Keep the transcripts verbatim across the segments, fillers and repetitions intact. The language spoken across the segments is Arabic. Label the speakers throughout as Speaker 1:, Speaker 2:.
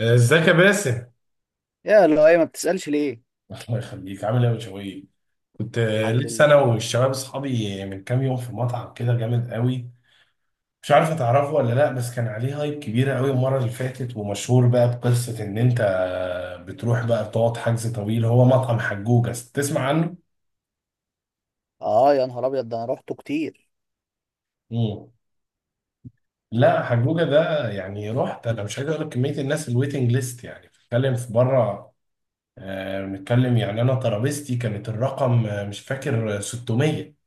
Speaker 1: ازيك يا باسم؟
Speaker 2: يا لؤي ما بتسألش ليه؟
Speaker 1: الله يخليك، عامل ايه يا بشوية؟ كنت آه،
Speaker 2: الحمد
Speaker 1: لسه انا
Speaker 2: لله.
Speaker 1: والشباب اصحابي من كام يوم في مطعم كده جامد قوي. مش عارف هتعرفه ولا لا، بس كان عليه هايب كبيره قوي المره اللي فاتت، ومشهور بقى بقصه ان انت آه، بتروح بقى بتقعد حجز طويل. هو مطعم حجوجه، تسمع عنه؟
Speaker 2: اه يا نهار ابيض، ده انا روحته كتير.
Speaker 1: مم. لا حجوجه ده، يعني رحت انا، مش عايز اقول لك كميه الناس الويتنج ليست، يعني بتتكلم في بره. آه، بنتكلم يعني انا ترابيزتي كانت الرقم، آه، مش فاكر، آه، ستمية.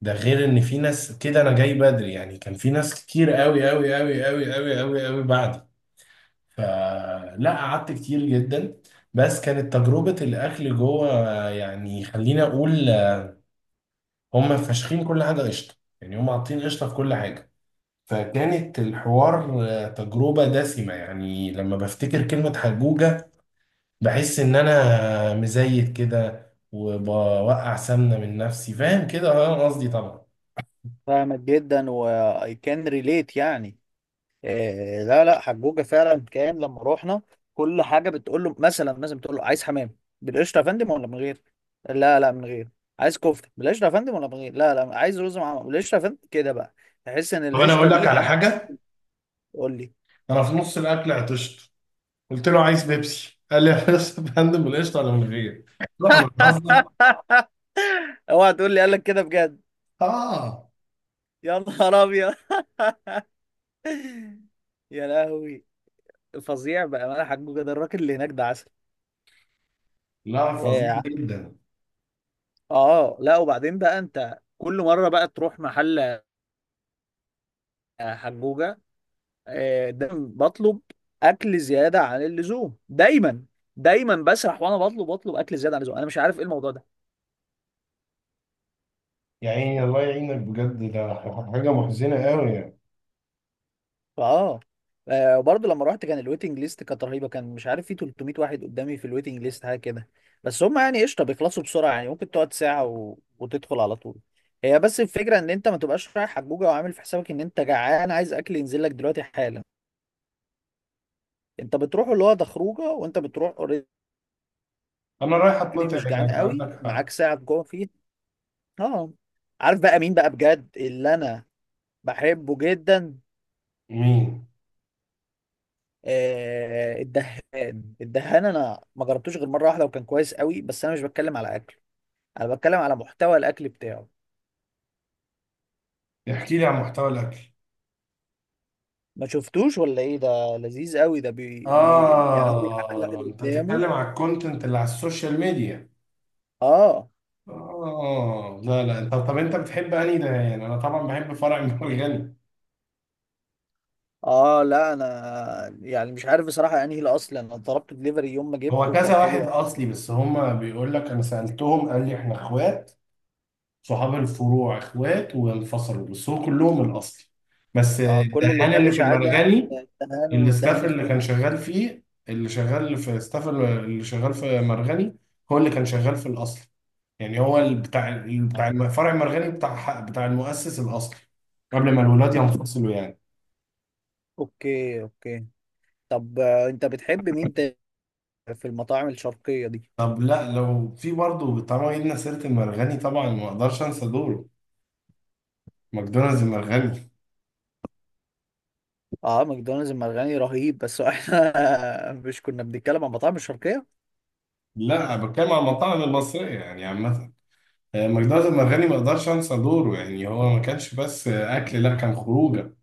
Speaker 1: ده غير ان في ناس، كده انا جاي بدري، يعني كان في ناس كتير قوي قوي قوي قوي قوي قوي قوي بعدي. فلا قعدت كتير جدا. بس كانت تجربة الاكل جوه، يعني خليني اقول، هم فاشخين كل حاجة قشطة، يعني هم حاطين قشطة في كل حاجة. فكانت الحوار تجربة دسمة، يعني لما بفتكر كلمة حجوجة بحس ان انا مزيت كده وبوقع سمنة من نفسي، فاهم كده؟ اه قصدي طبعا.
Speaker 2: فاهمك جدا، واي كان ريليت يعني آه لا لا حجوجة فعلا، كان لما روحنا كل حاجة بتقول له، مثلا مثلا بتقول له عايز حمام؟ بالقشطة يا فندم ولا من غير؟ لا لا من غير. عايز كفتة بالقشطة يا فندم ولا من غير؟ لا لا عايز رز مع، بالقشطة يا فندم؟ كده بقى تحس ان
Speaker 1: طب انا
Speaker 2: القشطة
Speaker 1: اقول لك
Speaker 2: دي
Speaker 1: على
Speaker 2: عم.
Speaker 1: حاجة،
Speaker 2: قول لي.
Speaker 1: انا في نص الاكل عطشت، قلت له عايز بيبسي، قال لي يا فندم بالقشطه ولا من غير؟ قلت له انا بهزر.
Speaker 2: اوعى تقول لي قال لك كده بجد!
Speaker 1: اه،
Speaker 2: يا نهار ابيض، يا لهوي! فظيع بأمانة، حجوجة ده الراجل اللي هناك ده عسل.
Speaker 1: لا فظيع
Speaker 2: اه،
Speaker 1: جدا.
Speaker 2: آه، لا وبعدين بقى انت كل مرة بقى تروح محل حجوجة، آه، دايما بطلب اكل زيادة عن اللزوم، دايما دايما بسرح وانا بطلب، بطلب اكل زيادة عن اللزوم، انا مش عارف ايه الموضوع ده.
Speaker 1: يا عيني الله يعينك بجد، ده حاجه محزنه قوي يعني.
Speaker 2: اه، آه، وبرضه لما رحت كان الويتنج ليست كانت رهيبه، كان مش عارف، في تلتمية واحد قدامي في الويتنج ليست، حاجه كده. بس هم يعني قشطه بيخلصوا بسرعه، يعني ممكن تقعد ساعه و... وتدخل على طول. هي بس الفكره ان انت ما تبقاش رايح حجوجه وعامل في حسابك ان انت جعان عايز اكل ينزل لك دلوقتي حالا. انت بتروح اللي هو ده خروجه، وانت بتروح اوريدي
Speaker 1: انا رايح اتقطع
Speaker 2: مش جعان
Speaker 1: هناك،
Speaker 2: قوي،
Speaker 1: عندك حق.
Speaker 2: معاك ساعه جوه فيه. اه. عارف بقى مين بقى بجد اللي انا بحبه جدا؟
Speaker 1: مين؟
Speaker 2: آه، الدهان. الدهان انا ما جربتوش غير مره واحده وكان كويس قوي، بس انا مش بتكلم على اكل، انا بتكلم على محتوى الاكل بتاعه.
Speaker 1: احكي لي عن محتوى الاكل.
Speaker 2: ما شفتوش ولا ايه؟ ده لذيذ قوي، ده بي بي يعني، هو بيحكي واحد
Speaker 1: اه، انت
Speaker 2: قدامه.
Speaker 1: بتتكلم على الكونتنت اللي على السوشيال ميديا.
Speaker 2: اه.
Speaker 1: اه، لا لا، انت طب انت بتحب انهي ده؟ يعني انا طبعا بحب فرع المرجان.
Speaker 2: اه لا انا يعني مش عارف بصراحه انهي الاصل، انا طلبت دليفري يوم ما
Speaker 1: هو
Speaker 2: جبته وكان
Speaker 1: كذا
Speaker 2: حلو
Speaker 1: واحد
Speaker 2: قوي.
Speaker 1: اصلي، بس هما بيقول لك، انا سالتهم قال لي احنا اخوات، صحاب الفروع اخوات وانفصلوا، بس هو كلهم الاصلي. بس
Speaker 2: اه كل اللي
Speaker 1: الدهان
Speaker 2: اتقال
Speaker 1: اللي في
Speaker 2: اشاعات يعني،
Speaker 1: المرغني،
Speaker 2: الدهان والدهان
Speaker 1: الاستاف اللي
Speaker 2: اخوات.
Speaker 1: كان شغال فيه، اللي شغال في الاستاف اللي شغال في مرغني هو اللي كان شغال في الاصلي. يعني هو اللي بتاع اللي
Speaker 2: آه.
Speaker 1: بتاع فرع المرغني، بتاع بتاع المؤسس الاصلي، قبل ما الولاد ينفصلوا يعني.
Speaker 2: اوكي اوكي. طب آه، انت بتحب مين تاني في المطاعم الشرقيه دي؟
Speaker 1: طب لا، لو في برضه، طالما جبنا سيره المرغني، طبعا ما اقدرش انسى دوره ماكدونالدز المرغني.
Speaker 2: اه ماكدونالدز المرغني رهيب، بس احنا مش كنا بنتكلم عن مطاعم الشرقية.
Speaker 1: لا انا بتكلم عن المطاعم المصريه يعني عامه. آه، مجدات المرغني ما اقدرش انسى دوره، يعني هو ما كانش بس آه، اكل، لا كان خروجه،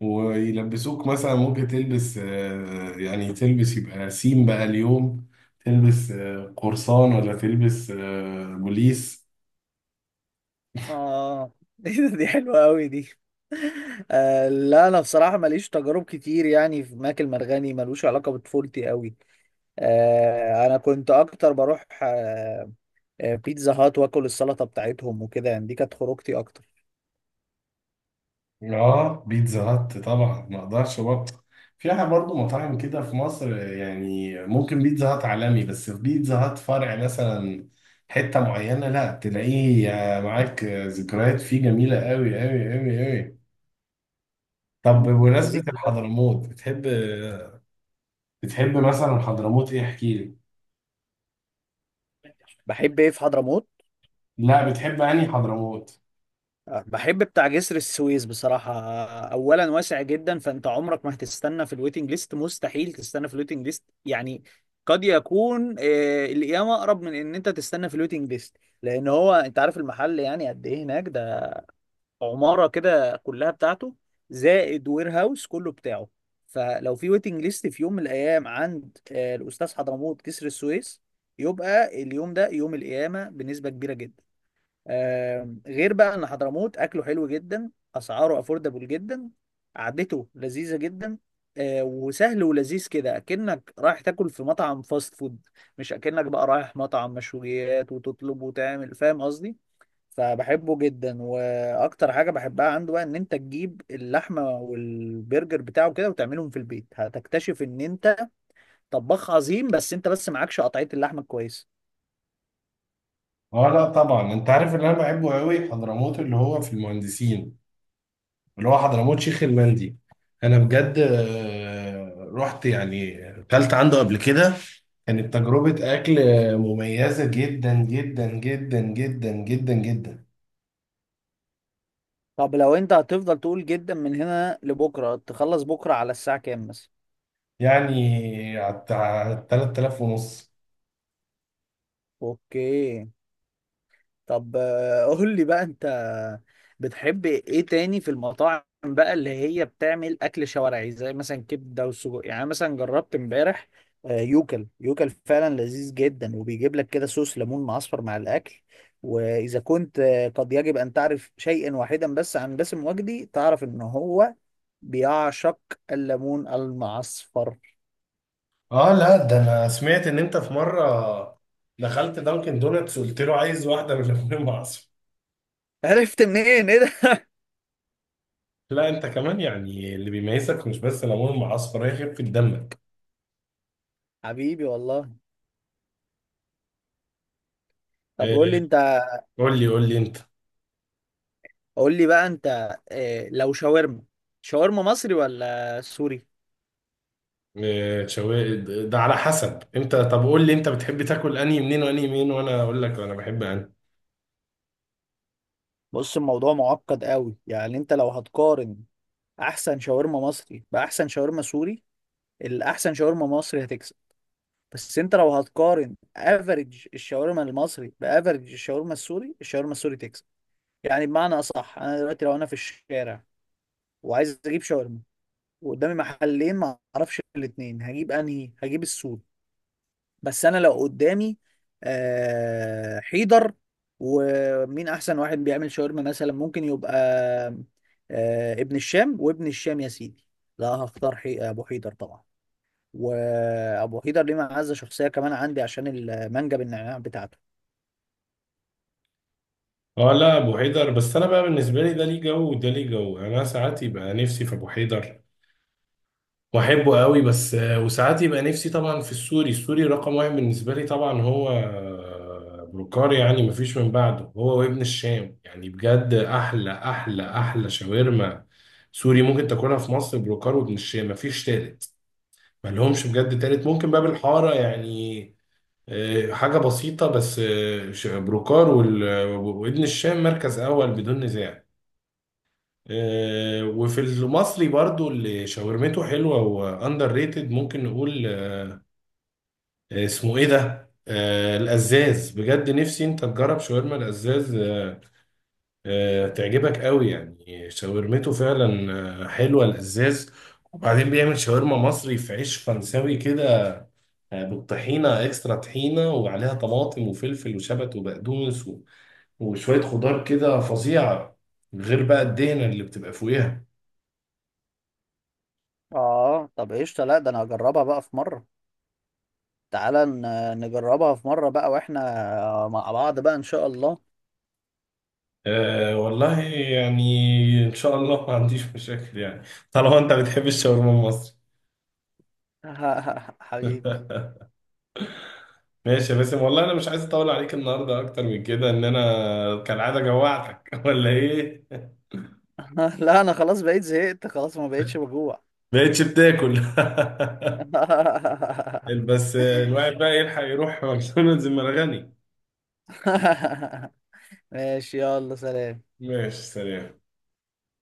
Speaker 1: ويلبسوك مثلا، ممكن تلبس آه، يعني تلبس يبقى سيم بقى اليوم، تلبس آه، قرصان، ولا تلبس آه، بوليس.
Speaker 2: اه دي دي حلوة قوي دي. آه لا انا بصراحة ماليش تجارب كتير يعني في ماكل مرغني، ملوش علاقة بطفولتي قوي. آه انا كنت اكتر بروح آه آه، بيتزا هات واكل السلطة بتاعتهم وكده يعني، دي كانت خروجتي اكتر.
Speaker 1: اه، بيتزا هات طبعا ما اقدرش برضه، فيها برضه مطاعم كده في مصر يعني، ممكن بيتزا هات عالمي، بس في بيتزا هات فرع مثلا حتة معينة لا تلاقيه، معاك ذكريات فيه جميلة قوي قوي قوي قوي. طب
Speaker 2: مم.
Speaker 1: بمناسبة
Speaker 2: لذيذ أوي.
Speaker 1: الحضرموت، بتحب، بتحب مثلا حضرموت ايه؟ احكي لي.
Speaker 2: بحب ايه في حضرموت؟
Speaker 1: لا، بتحب انهي حضرموت؟
Speaker 2: بحب بتاع جسر السويس بصراحة. أولا واسع جدا، فأنت عمرك ما هتستنى في الويتنج ليست، مستحيل تستنى في الويتنج ليست يعني. قد يكون آه، القيامة أقرب من إن أنت تستنى في الويتنج ليست، لأن هو أنت عارف المحل يعني قد إيه هناك؟ ده عمارة كده كلها بتاعته، زائد وير هاوس كله بتاعه. فلو في ويتنج ليست في يوم من الأيام عند آه، الأستاذ حضرموت جسر السويس، يبقى اليوم ده يوم القيامة بنسبة كبيرة جدا. آم، غير بقى ان حضرموت اكله حلو جدا، اسعاره افوردبل جدا، قعدته لذيذه جدا. آه، وسهل ولذيذ كده اكنك رايح تاكل في مطعم فاست فود، مش اكنك بقى رايح مطعم مشويات وتطلب وتعمل، فاهم قصدي. فبحبه جدا، واكتر حاجه بحبها عنده بقى ان انت تجيب اللحمه والبرجر بتاعه كده وتعملهم في البيت، هتكتشف ان انت طباخ عظيم، بس انت بس معكش قطعيه اللحمه كويس.
Speaker 1: اه لا طبعا، انت عارف اللي انا بحبه قوي؟ حضرموت اللي هو في المهندسين، اللي هو حضرموت شيخ المندي. انا بجد آه، رحت يعني، اكلت عنده قبل كده، كانت تجربة اكل مميزة جدا جدا جدا جدا جدا جدا.
Speaker 2: طب لو انت هتفضل تقول جدا من هنا لبكره، تخلص بكره على الساعه كام مثلا؟
Speaker 1: يعني على ثلاثة آلاف ونص.
Speaker 2: اوكي. طب آه، قول لي بقى انت بتحب ايه تاني في المطاعم بقى اللي هي بتعمل اكل شوارعي زي مثلا كبده وسجق؟ يعني أنا مثلا جربت امبارح آه، يوكل يوكل، فعلا لذيذ جدا وبيجيب لك كده صوص ليمون معصفر مع الاكل. واذا كنت آه، قد يجب ان تعرف شيئا واحدا بس عن باسم وجدي، تعرف ان هو بيعشق الليمون المعصفر.
Speaker 1: اه لا، ده انا سمعت ان انت في مرة دخلت دانكن دونتس قلت له عايز واحدة بالليمون المعصفر.
Speaker 2: عرفت منين ايه ده؟
Speaker 1: لا انت كمان يعني، اللي بيميزك مش بس الليمون المعصفر، هي خفة دمك.
Speaker 2: حبيبي والله. طب قول لي
Speaker 1: آه،
Speaker 2: انت.
Speaker 1: قول لي قول لي انت.
Speaker 2: قول لي بقى انت إيه لو شاورما، شاورما مصري ولا سوري؟
Speaker 1: إيه، شوي، ده ده على حسب، انت طب قول لي انت بتحب تاكل انهي منين وانهي منين، وانا اقول لك انا بحب انهي.
Speaker 2: بص الموضوع معقد قوي، يعني انت لو هتقارن احسن شاورما مصري باحسن شاورما سوري، الاحسن شاورما مصري هتكسب. بس انت لو هتقارن افريج الشاورما المصري بافريج الشاورما السوري، الشاورما السوري تكسب. يعني بمعنى اصح، انا دلوقتي لو انا في الشارع وعايز اجيب شاورما وقدامي محلين ما اعرفش الاثنين، هجيب انهي؟ هجيب السوري. بس انا لو قدامي آه، حيدر ومين احسن واحد بيعمل شاورما مثلا ممكن يبقى آه، ابن الشام، وابن الشام يا سيدي لا هختار حي... ابو حيدر طبعا. وابو حيدر ليه معزه شخصيه كمان عندي عشان المانجا بالنعناع بتاعته.
Speaker 1: اه لا، ابو حيدر، بس انا بقى بالنسبه لي، ده ليه جو وده ليه جو، يعني انا ساعات يبقى نفسي في ابو حيدر واحبه قوي، بس آه، وساعات يبقى نفسي طبعا في السوري. السوري رقم واحد بالنسبه لي طبعا هو آه، بروكار، يعني مفيش من بعده هو وابن الشام، يعني بجد احلى احلى احلى شاورما سوري ممكن تاكلها في مصر، بروكار وابن الشام، مفيش تالت، ما لهمش بجد تالت. ممكن باب الحارة يعني، آه، حاجة بسيطة، بس آه، ش- بروكار وال- وابن الشام مركز أول بدون نزاع. آه، وفي المصري برضو، اللي شاورمته حلوة وأندر ريتد ممكن نقول، آه، اسمه إيه ده؟ آه، القزاز. بجد نفسي أنت تجرب شاورما القزاز، آه، آه، تعجبك قوي، يعني شاورمته فعلا آه، حلوة القزاز. وبعدين بيعمل شاورما مصري في عيش فرنساوي كده، آه، بالطحينة، اكسترا طحينة، وعليها طماطم وفلفل وشبت وبقدونس و- وشوية خضار كده، فظيعة، غير بقى الدهنة اللي بتبقى فوقيها.
Speaker 2: اه طب قشطه، لا ده انا هجربها بقى في مره، تعالى ن- نجربها في مره بقى واحنا مع بعض بقى ان شاء الله.
Speaker 1: أه والله، يعني ان شاء الله ما عنديش مشاكل يعني، طالما انت بتحب الشاورما المصري.
Speaker 2: حبيبي.
Speaker 1: ماشي يا باسم، والله انا مش عايز اطول عليك النهارده اكتر من كده، ان انا كالعاده جوعتك ولا ايه؟
Speaker 2: لا انا خلاص بقيت زهقت خلاص، ما بقيتش بجوع.
Speaker 1: بقيتش بتاكل؟ بس الواحد بقى يلحق يروح ماكدونالدز المرغني.
Speaker 2: ماشي يلا سلام.
Speaker 1: ماشي سلام.